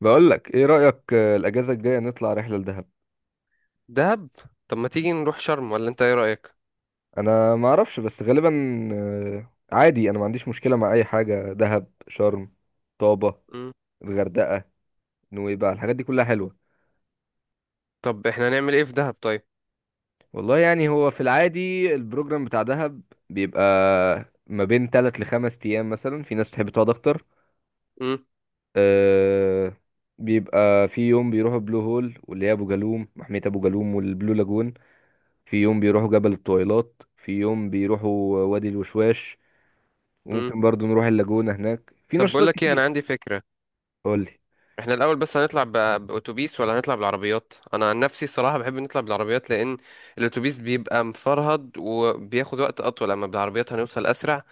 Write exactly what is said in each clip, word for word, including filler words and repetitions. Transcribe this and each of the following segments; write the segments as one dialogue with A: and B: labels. A: بقول لك ايه رأيك، آه، الاجازة الجاية نطلع رحلة لدهب.
B: دهب. طب ما تيجي نروح شرم ولا انت ايه رأيك؟
A: انا ما اعرفش بس غالبا. آه، عادي انا ما عنديش مشكلة مع اي حاجة، دهب، شرم، طابة،
B: مم.
A: الغردقة، نويبع، الحاجات دي كلها حلوة.
B: طب احنا هنعمل ايه في دهب طيب؟
A: والله يعني هو في العادي البروجرام بتاع دهب بيبقى ما بين ثلاثة لخمس ايام، مثلا في ناس بتحب تقعد اكتر.
B: مم.
A: آه، بيبقى في يوم بيروحوا بلو هول، واللي هي ابو جالوم، محمية ابو جالوم والبلو لاجون. في يوم بيروحوا جبل الطويلات، في يوم بيروحوا وادي الوشواش،
B: مم.
A: وممكن برضو نروح اللاجونة، هناك في
B: طب بقول
A: نشاطات
B: لك ايه، انا
A: كتير.
B: عندي فكرة.
A: قول لي.
B: احنا الاول بس هنطلع ب- باتوبيس ولا هنطلع بالعربيات؟ انا عن نفسي الصراحة بحب نطلع بالعربيات، لان الاتوبيس بيبقى مفرهد وبياخد وقت اطول، اما بالعربيات هنوصل اسرع.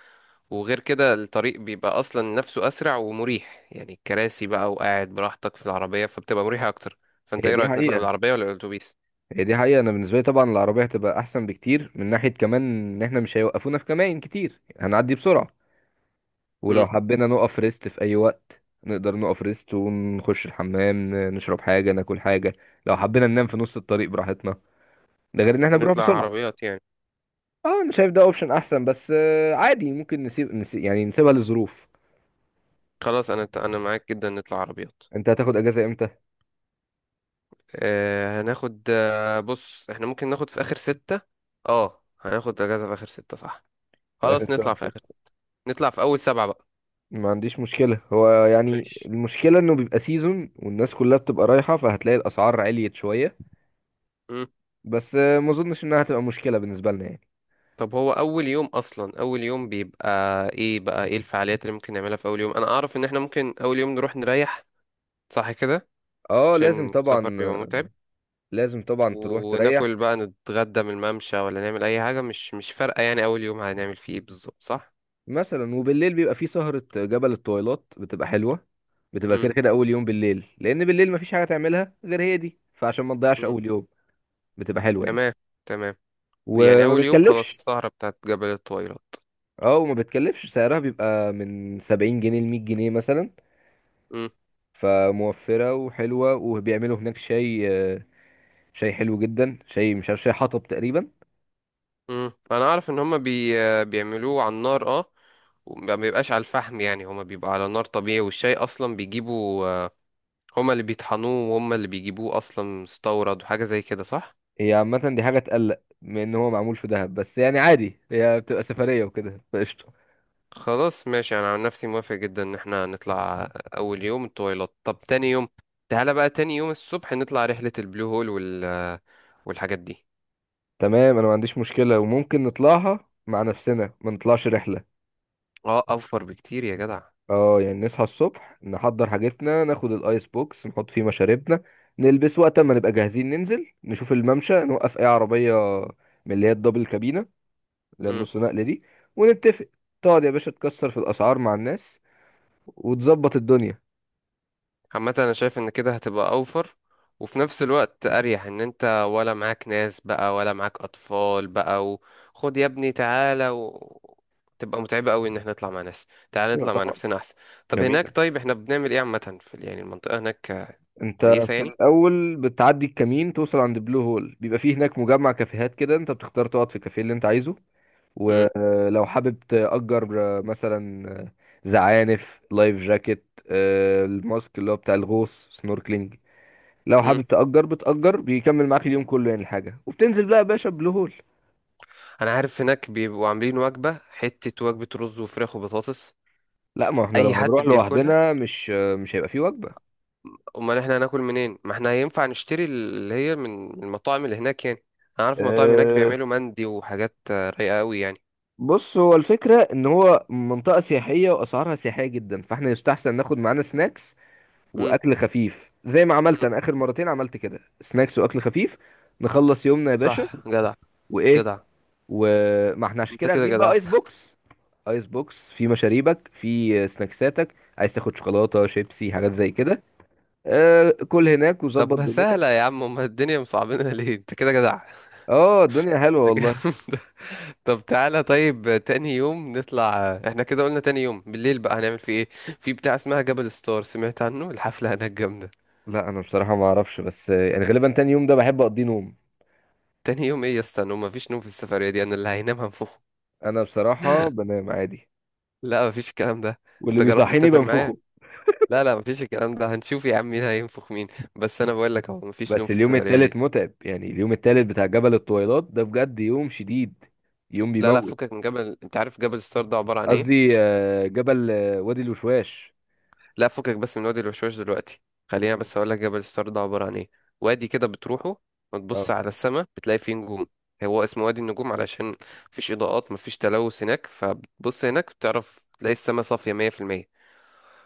B: وغير كده الطريق بيبقى اصلا نفسه اسرع ومريح، يعني الكراسي بقى وقاعد براحتك في العربية فبتبقى مريحة اكتر. فانت
A: هي
B: ايه
A: دي
B: رأيك، نطلع
A: حقيقة
B: بالعربية ولا الاتوبيس؟
A: هي دي حقيقة أنا بالنسبة لي طبعا العربية هتبقى أحسن بكتير، من ناحية كمان إن إحنا مش هيوقفونا في كمائن كتير، هنعدي بسرعة. ولو
B: مم.
A: حبينا نقف ريست في أي وقت نقدر نقف ريست ونخش الحمام، ن- نشرب حاجة ناكل حاجة. لو حبينا ننام في نص الطريق براحتنا، ده غير إن إحنا بنروح
B: نطلع
A: بسرعة.
B: عربيات يعني.
A: أه، أنا شايف ده أوبشن أحسن، بس آه، عادي ممكن نسيب, نسيب يعني نسيبها للظروف.
B: خلاص انا انا معاك جدا، نطلع عربيات.
A: أنت هتاخد أجازة إمتى؟
B: آه هناخد، آه بص احنا ممكن ناخد في اخر ستة. اه هناخد اجازة في اخر ستة صح.
A: في آخر
B: خلاص
A: شهر.
B: نطلع في اخر ستة. نطلع في اول سبعة بقى.
A: ما عنديش مشكلة، هو يعني
B: ماشي.
A: المشكلة انه بيبقى سيزون والناس كلها بتبقى رايحة، فهتلاقي الاسعار عليت شوية.
B: مم.
A: بس آه، ما اظنش انها هتبقى مشكلة بالنسبة لنا يعني.
B: طب هو اول يوم اصلا، اول يوم بيبقى ايه بقى، ايه الفعاليات اللي ممكن نعملها في اول يوم؟ انا اعرف ان احنا ممكن اول يوم نروح نريح، صح كده؟
A: اه لازم
B: عشان السفر
A: طبعا.
B: بيبقى
A: آه،
B: متعب.
A: لازم طبعا تروح تريح.
B: وناكل بقى، نتغدى من الممشى ولا نعمل اي حاجة، مش مش فارقة يعني، اول يوم هنعمل فيه ايه بالظبط صح؟
A: مثلا وبالليل بيبقى في سهرة جبل الطويلات بتبقى حلوة. بتبقى
B: مم.
A: كده كده اول يوم بالليل، لان بالليل مفيش حاجة تعملها غير هي دي، فعشان ما تضيعش
B: مم.
A: اول يوم بتبقى حلوة يعني.
B: تمام. تمام. يعني
A: وما
B: اول يوم خلاص
A: بتكلفش.
B: السهرة بتاعت جبل الطويلات.
A: اه، وما بتكلفش، سعرها بيبقى من سبعين جنيه ل مئة جنيه مثلا،
B: امم.
A: فموفرة وحلوة. وبيعملوا هناك شاي، آه، شاي حلو جدا، شاي مش عارف، شاي حطب تقريبا.
B: امم. انا اعرف ان هما بي... بيعملوه على النار، اه. وما بيبقاش على الفحم يعني، هما بيبقى على نار طبيعي، والشاي اصلا بيجيبوا، آه، هما اللي بيطحنوه وهما اللي بيجيبوه اصلا مستورد وحاجة زي كده، صح؟
A: هي عامة دي حاجة تقلق من ان هو معمول في دهب، بس يعني عادي هي بتبقى سفرية وكده فقشطة.
B: خلاص ماشي، انا عن نفسي موافق جدا ان احنا نطلع اول يوم الطويلات. طب تاني يوم، تعالى بقى تاني يوم الصبح نطلع رحلة البلو هول وال... والحاجات دي.
A: تمام انا ما عنديش مشكلة، وممكن نطلعها مع نفسنا ما نطلعش رحلة.
B: اه اوفر بكتير يا جدع.
A: اه يعني نصحى الصبح، نحضر حاجتنا، ناخد الايس بوكس نحط فيه مشاربنا، نلبس. وقت ما نبقى جاهزين ننزل نشوف الممشى، نوقف اي عربية من اللي هي الدبل كابينة
B: امم.
A: للنص نقلة دي، ونتفق. تقعد يا باشا تكسر في الأسعار مع الناس وتظبط الدنيا.
B: عامة انا شايف ان كده هتبقى اوفر وفي نفس الوقت اريح، ان انت ولا معاك ناس بقى ولا معاك اطفال بقى، وخد يا ابني تعالى و... تبقى متعبة قوي ان احنا نطلع مع ناس. تعالى
A: ايوه
B: نطلع مع
A: طبعا.
B: نفسنا احسن. طب هناك
A: جميلة.
B: طيب احنا بنعمل ايه عامة في ال- يعني المنطقة هناك؟ آه،
A: انت
B: كويسة
A: في
B: يعني؟
A: الأول بتعدي الكمين توصل عند بلو هول، بيبقى فيه هناك مجمع كافيهات كده، انت بتختار تقعد في الكافيه اللي انت عايزه.
B: امم.
A: ولو حابب تأجر آه، مثلا آه، زعانف، لايف جاكيت، آه، الماسك اللي هو بتاع الغوص، سنوركلينج. لو
B: امم.
A: حابب تأجر بتأجر، بيكمل معاك اليوم كله يعني الحاجة، وبتنزل بقى يا باشا بلو هول.
B: انا عارف هناك بيبقوا عاملين وجبة، حتة وجبة رز وفراخ وبطاطس.
A: لا، ما احنا
B: اي
A: لو
B: حد
A: هنروح
B: بياكلها.
A: لوحدنا مش آه، مش هيبقى فيه وجبة.
B: امال احنا هناكل منين؟ ما احنا هينفع نشتري اللي هي من من المطاعم اللي هناك يعني. انا عارف المطاعم هناك
A: أه،
B: بيعملوا مندي وحاجات آه، رايقه قوي يعني.
A: بص هو الفكرة ان هو منطقة سياحية واسعارها سياحية جدا، فاحنا يستحسن ناخد معانا سناكس
B: امم.
A: واكل خفيف، زي ما عملت
B: أمم.
A: انا اخر مرتين عملت كده سناكس واكل خفيف. نخلص يومنا يا باشا.
B: صح جدع.
A: وايه.
B: جدع.
A: وما احنا عشان
B: انت
A: كده
B: كده
A: واخدين بقى
B: جدع.
A: ايس بوكس، ايس بوكس في مشاريبك، في سناكساتك، عايز تاخد شوكولاتة شيبسي حاجات زي كده. أه، كل هناك
B: طب
A: وظبط
B: ما
A: دنيتك.
B: سهله يا عم، امال الدنيا مصعبينها ليه؟ انت كده جدع.
A: اه الدنيا حلوة والله.
B: طب تعالى طيب تاني يوم نطلع، احنا كده قلنا تاني يوم بالليل بقى هنعمل فيه ايه؟ في بتاع اسمها جبل ستار، سمعت عنه؟ الحفله هناك جامده.
A: لا، انا بصراحة ما اعرفش، بس آه، يعني غالبا تاني يوم ده بحب اقضيه نوم.
B: تاني يوم ايه يا اسطى نوم؟ مفيش نوم في السفريه دي، انا اللي هينام هنفخه.
A: انا بصراحة بنام عادي،
B: لا مفيش الكلام ده.
A: واللي
B: انت جربت
A: بيصحيني
B: تسافر معايا؟
A: بنفخه.
B: لا لا مفيش الكلام ده، هنشوف يا عم مين هينفخ مين. بس انا بقول لك اهو مفيش نوم
A: بس
B: في
A: اليوم
B: السفريه دي.
A: التالت متعب يعني، اليوم التالت بتاع جبل الطويلات ده بجد يوم شديد، يوم
B: لا لا
A: بيموت.
B: فكك من جبل، انت عارف جبل ستار ده عباره عن ايه؟
A: قصدي آه، جبل آه، وادي الوشواش.
B: لا فكك بس من وادي الوشواش دلوقتي، خلينا
A: مم.
B: بس اقول لك جبل ستار ده عباره عن ايه. وادي كده بتروحه وتبص
A: اه.
B: على السماء بتلاقي فيه نجوم. هو اسمه وادي النجوم، علشان مفيش اضاءات مفيش تلوث هناك، فبتبص هناك بتعرف تلاقي السماء صافيه مية في المية.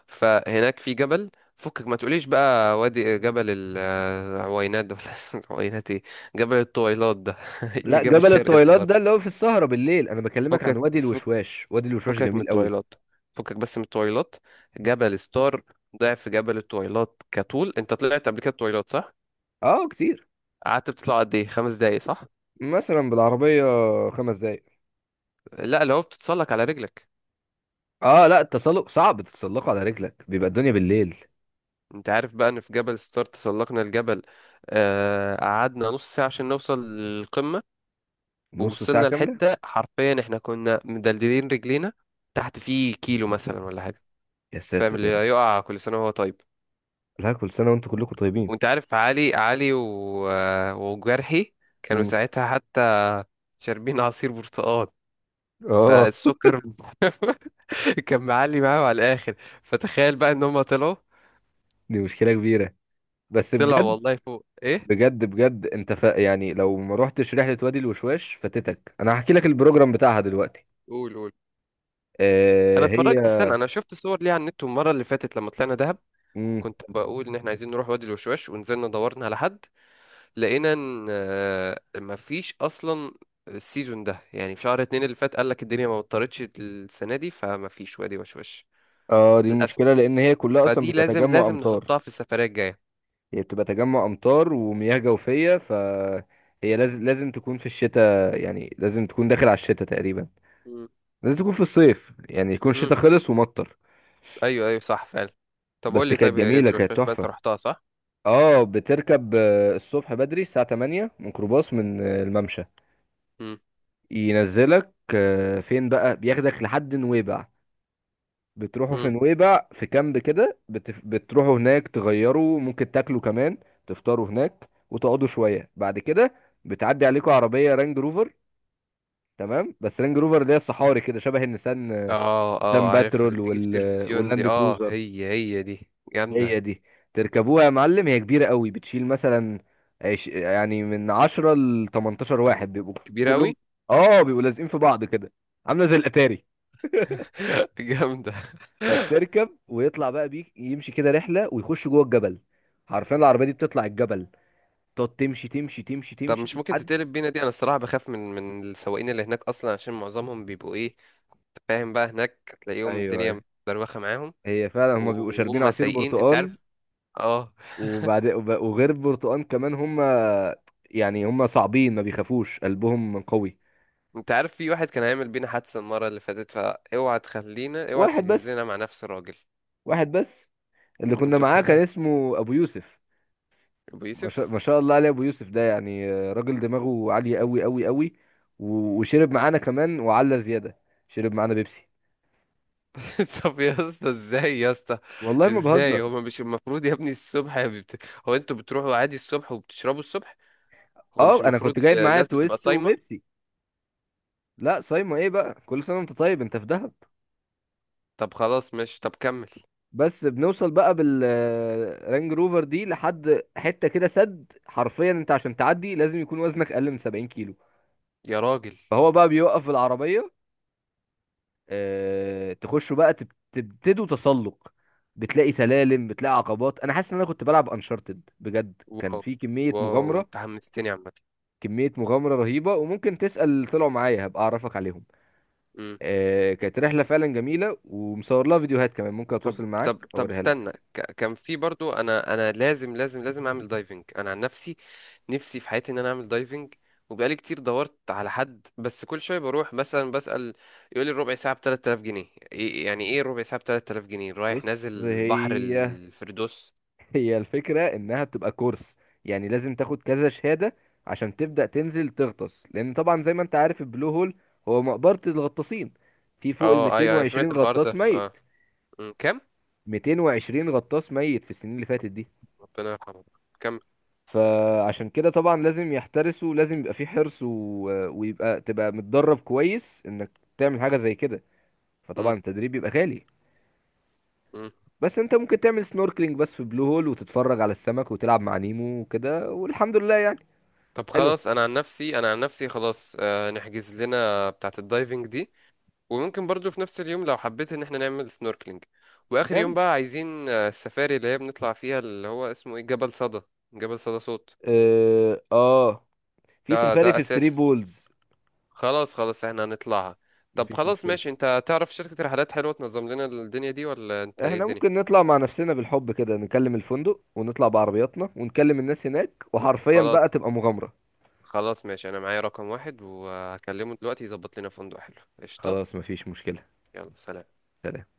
B: فهناك في جبل، فكك ما تقوليش بقى وادي جبل العوينات ده ولا اسمه العوينات ايه، جبل الطويلات ده. إيه اللي
A: لا،
B: جاب
A: جبل
B: الشرق
A: الطويلات
B: للغرب؟
A: ده اللي هو في السهرة بالليل، انا بكلمك عن
B: فكك
A: وادي
B: فك،
A: الوشواش، وادي الوشواش
B: فكك من
A: جميل قوي.
B: الطويلات، فكك بس من الطويلات. جبل ستار ضعف جبل الطويلات كطول. انت طلعت قبل كده الطويلات، صح؟
A: اه كتير.
B: قعدت بتطلع قد ايه، خمس دقايق صح؟
A: مثلا بالعربية خمس دقايق.
B: لا لو بتتسلق على رجلك.
A: اه لا، التسلق صعب تتسلقه على رجلك، بيبقى الدنيا بالليل.
B: انت عارف بقى ان في جبل ستار تسلقنا الجبل، آه، قعدنا نص ساعة عشان نوصل للقمة.
A: نص ساعة
B: ووصلنا
A: كاملة.
B: لحتة حرفيا احنا كنا مدلدلين رجلينا، تحت فيه كيلو مثلا ولا حاجة.
A: يا
B: فاهم؟
A: ساتر
B: اللي
A: يا رب.
B: يقع كل سنة وهو طيب.
A: لا، كل سنة وانتم كلكم طيبين.
B: وانت عارف علي علي و... وجرحي كانوا
A: مم.
B: ساعتها حتى شاربين عصير برتقال،
A: اه
B: فالسكر كان معلي معاهم على الآخر. فتخيل بقى ان هم طلعوا،
A: دي مشكلة كبيرة، بس
B: طلعوا
A: بجد.
B: والله فوق. ايه؟
A: بجد بجد انت ف... يعني لو ما روحتش رحلة وادي الوشواش فاتتك، انا هحكي لك البروجرام بتاعها دلوقتي.
B: قول قول. انا
A: آه هي.
B: اتفرجت استنى، انا شفت صور ليها على النت المرة اللي فاتت لما طلعنا دهب.
A: مم.
B: كنت بقول ان احنا عايزين نروح وادي الوشواش، ونزلنا دورنا على حد، لقينا ان آه، مفيش اصلا، السيزون ده يعني، في شهر اتنين اللي فات قال لك الدنيا ما مطرتش السنه دي فمفيش وادي وش وش،
A: اه دي
B: للاسف.
A: المشكلة، لان هي كلها اصلا
B: فدي
A: بيبقى
B: لازم
A: تجمع
B: لازم
A: امطار.
B: نحطها في السفريه الجايه.
A: هي بتبقى تجمع امطار ومياه جوفية. ف هي لازم لازم تكون في الشتاء، يعني لازم تكون داخل على الشتاء تقريبا.
B: مم.
A: لازم تكون في الصيف يعني يكون
B: مم.
A: الشتاء خلص ومطر.
B: ايوه ايوه صح فعلا. طب قول
A: بس
B: لي
A: كانت
B: طيب، هي يد
A: جميلة كانت
B: الوشواش بقى انت
A: تحفة.
B: رحتها، صح؟
A: اه بتركب آه، الصبح بدري الساعة تمانية ميكروباص من آه، الممشى.
B: مم.
A: ينزلك آه، فين بقى، بياخدك لحد نويبع. بتروحوا في
B: مم.
A: نويبع في كامب كده، بتف... بتروحوا هناك تغيروا، ممكن تاكلوا كمان تفطروا هناك، وتقعدوا شوية. بعد كده بتعدي عليكم عربية رانج روفر. تمام. بس رانج روفر اللي هي الصحاري كده، شبه النسان، آه،
B: اه اه
A: نسان
B: عارفها، اللي
A: باترول
B: بتيجي في
A: وال...
B: التلفزيون دي،
A: واللاند
B: اه
A: كروزر.
B: هي هي دي
A: هي
B: جامده.
A: دي. تركبوها يا معلم، هي كبيرة قوي، بتشيل مثلا عش... يعني من عشرة ل تمنتاشر واحد بيبقوا
B: كبيره قوي.
A: كلهم. اه بيبقوا لازقين في بعض كده، عاملة زي الأتاري.
B: جامده.
A: فبتركب ويطلع بقى بيك يمشي كده رحله، ويخش جوه الجبل. حرفيا العربيه دي بتطلع الجبل، تقعد تمشي تمشي تمشي
B: طب
A: تمشي
B: مش ممكن
A: لحد.
B: تتقلب بينا دي؟ انا الصراحه بخاف من من السواقين اللي هناك اصلا، عشان معظمهم بيبقوا ايه، فاهم بقى هناك هتلاقيهم
A: ايوه،
B: الدنيا
A: ايوه،
B: مدروخة معاهم،
A: هي فعلا هما بيبقوا شاربين
B: وهم
A: عصير
B: سايقين انت
A: برتقان.
B: عارف، اه.
A: وبعد وب- وغير البرتقان كمان هما، يعني هما صعبين، ما بيخافوش، قلبهم قوي.
B: انت عارف في واحد كان هيعمل بينا حادثة المرة اللي فاتت، فاوعى تخلينا، اوعى
A: واحد
B: تحجز
A: بس
B: لنا مع نفس الراجل.
A: واحد بس اللي كنا
B: انتوا
A: معاه كان
B: كان،
A: اسمه ابو يوسف.
B: ابو
A: ما شاء,
B: يوسف.
A: ما شاء الله عليه، ابو يوسف ده يعني آه، راجل دماغه عالية قوي قوي قوي. و- وشرب معانا كمان وعلى زيادة. شرب معانا بيبسي،
B: طب يا اسطى ازاي، يا اسطى
A: والله ما
B: ازاي؟
A: بهزر.
B: هو مش المفروض يا ابني الصبح يا بت... هو انتوا بتروحوا عادي الصبح وبتشربوا الصبح؟ هو
A: اه،
B: مش
A: انا
B: المفروض
A: كنت جايب معايا
B: الناس بتبقى
A: تويست
B: صايمة؟
A: وبيبسي. لا صايمه ايه بقى، كل سنه وانت طيب، انت في دهب.
B: طب خلاص ماشي، طب كمل.
A: بس بنوصل بقى بالرانج روفر دي لحد حته كده سد، حرفيا انت عشان تعدي لازم يكون وزنك اقل من سبعين كيلو.
B: يا راجل.
A: فهو بقى بيوقف العربيه. اه تخشوا بقى تب- تبتدوا تسلق. بتلاقي سلالم، بتلاقي عقبات. انا حاسس ان انا كنت بلعب انشارتد بجد، كان
B: واو.
A: في كميه
B: واو
A: مغامره.
B: انت حمستني عامة.
A: كميه مغامره رهيبه، وممكن تسال طلعوا معايا هبقى اعرفك عليهم.
B: إمم.
A: آه، كانت رحلة فعلا جميلة، ومصور لها فيديوهات كمان، ممكن
B: طب
A: اتواصل
B: طب
A: معاك
B: طب
A: اوريها لك.
B: استنى، ك- كان في برضو، انا انا لازم لازم لازم اعمل دايفنج انا عن نفسي، نفسي في حياتي ان انا اعمل دايفنج، وبقالي كتير دورت على حد، بس كل شويه بروح مثلا بسأل يقول لي الربع ساعه ب ثلاثة آلاف جنيه، إيه- يعني ايه الربع ساعه ب ثلاثة آلاف جنيه؟ رايح
A: بص
B: نازل بحر
A: هي
B: الفردوس؟
A: هي الفكرة انها بتبقى كورس. يعني لازم تاخد كذا شهادة عشان تبدأ تنزل تغطس، لان طبعا زي ما انت عارف البلو هول هو مقبرة الغطاسين. في فوق ال
B: اه ايوه انا سمعت
A: ميتين وعشرين
B: الحوار ده
A: غطاس
B: اه.
A: ميت.
B: أمم، كام؟
A: ميتين وعشرين غطاس ميت في السنين اللي فاتت دي.
B: ربنا يرحمه. كم؟
A: فعشان كده طبعا لازم يحترسوا، لازم يبقى في حرص و... ويبقى تبقى متدرب كويس انك تعمل حاجة زي كده. فطبعا
B: أمم.
A: التدريب بيبقى غالي.
B: أمم.
A: بس انت ممكن تعمل سنوركلينج بس في بلو هول، وتتفرج على السمك وتلعب مع نيمو وكده والحمد لله يعني.
B: طب
A: حلو.
B: خلاص انا عن نفسي، انا عن نفسي خلاص آه نحجز لنا بتاعه الدايفنج دي. وممكن برضو في نفس اليوم لو حبيت ان احنا نعمل سنوركلينج. واخر
A: تمام.
B: يوم بقى عايزين آه، السفاري اللي هي بنطلع فيها، اللي هو اسمه ايه، جبل صدى. جبل صدى صوت.
A: اه, آه. في
B: ده ده
A: سفاري في ثري
B: اساسي.
A: بولز.
B: خلاص خلاص احنا هنطلعها. طب
A: مفيش
B: خلاص
A: مشكلة.
B: ماشي، انت تعرف شركة رحلات حلوة تنظم لنا الدنيا دي، ولا انت ايه
A: احنا
B: الدنيا؟
A: ممكن نطلع مع نفسنا بالحب كده، نكلم الفندق ونطلع بعربياتنا ونكلم الناس هناك،
B: طب
A: وحرفيا
B: خلاص،
A: بقى تبقى مغامرة.
B: خلاص ماشي، انا معايا رقم واحد وهكلمه دلوقتي يظبط لنا فندق حلو. قشطة.
A: خلاص مفيش مشكلة.
B: يلا سلام.
A: سلام.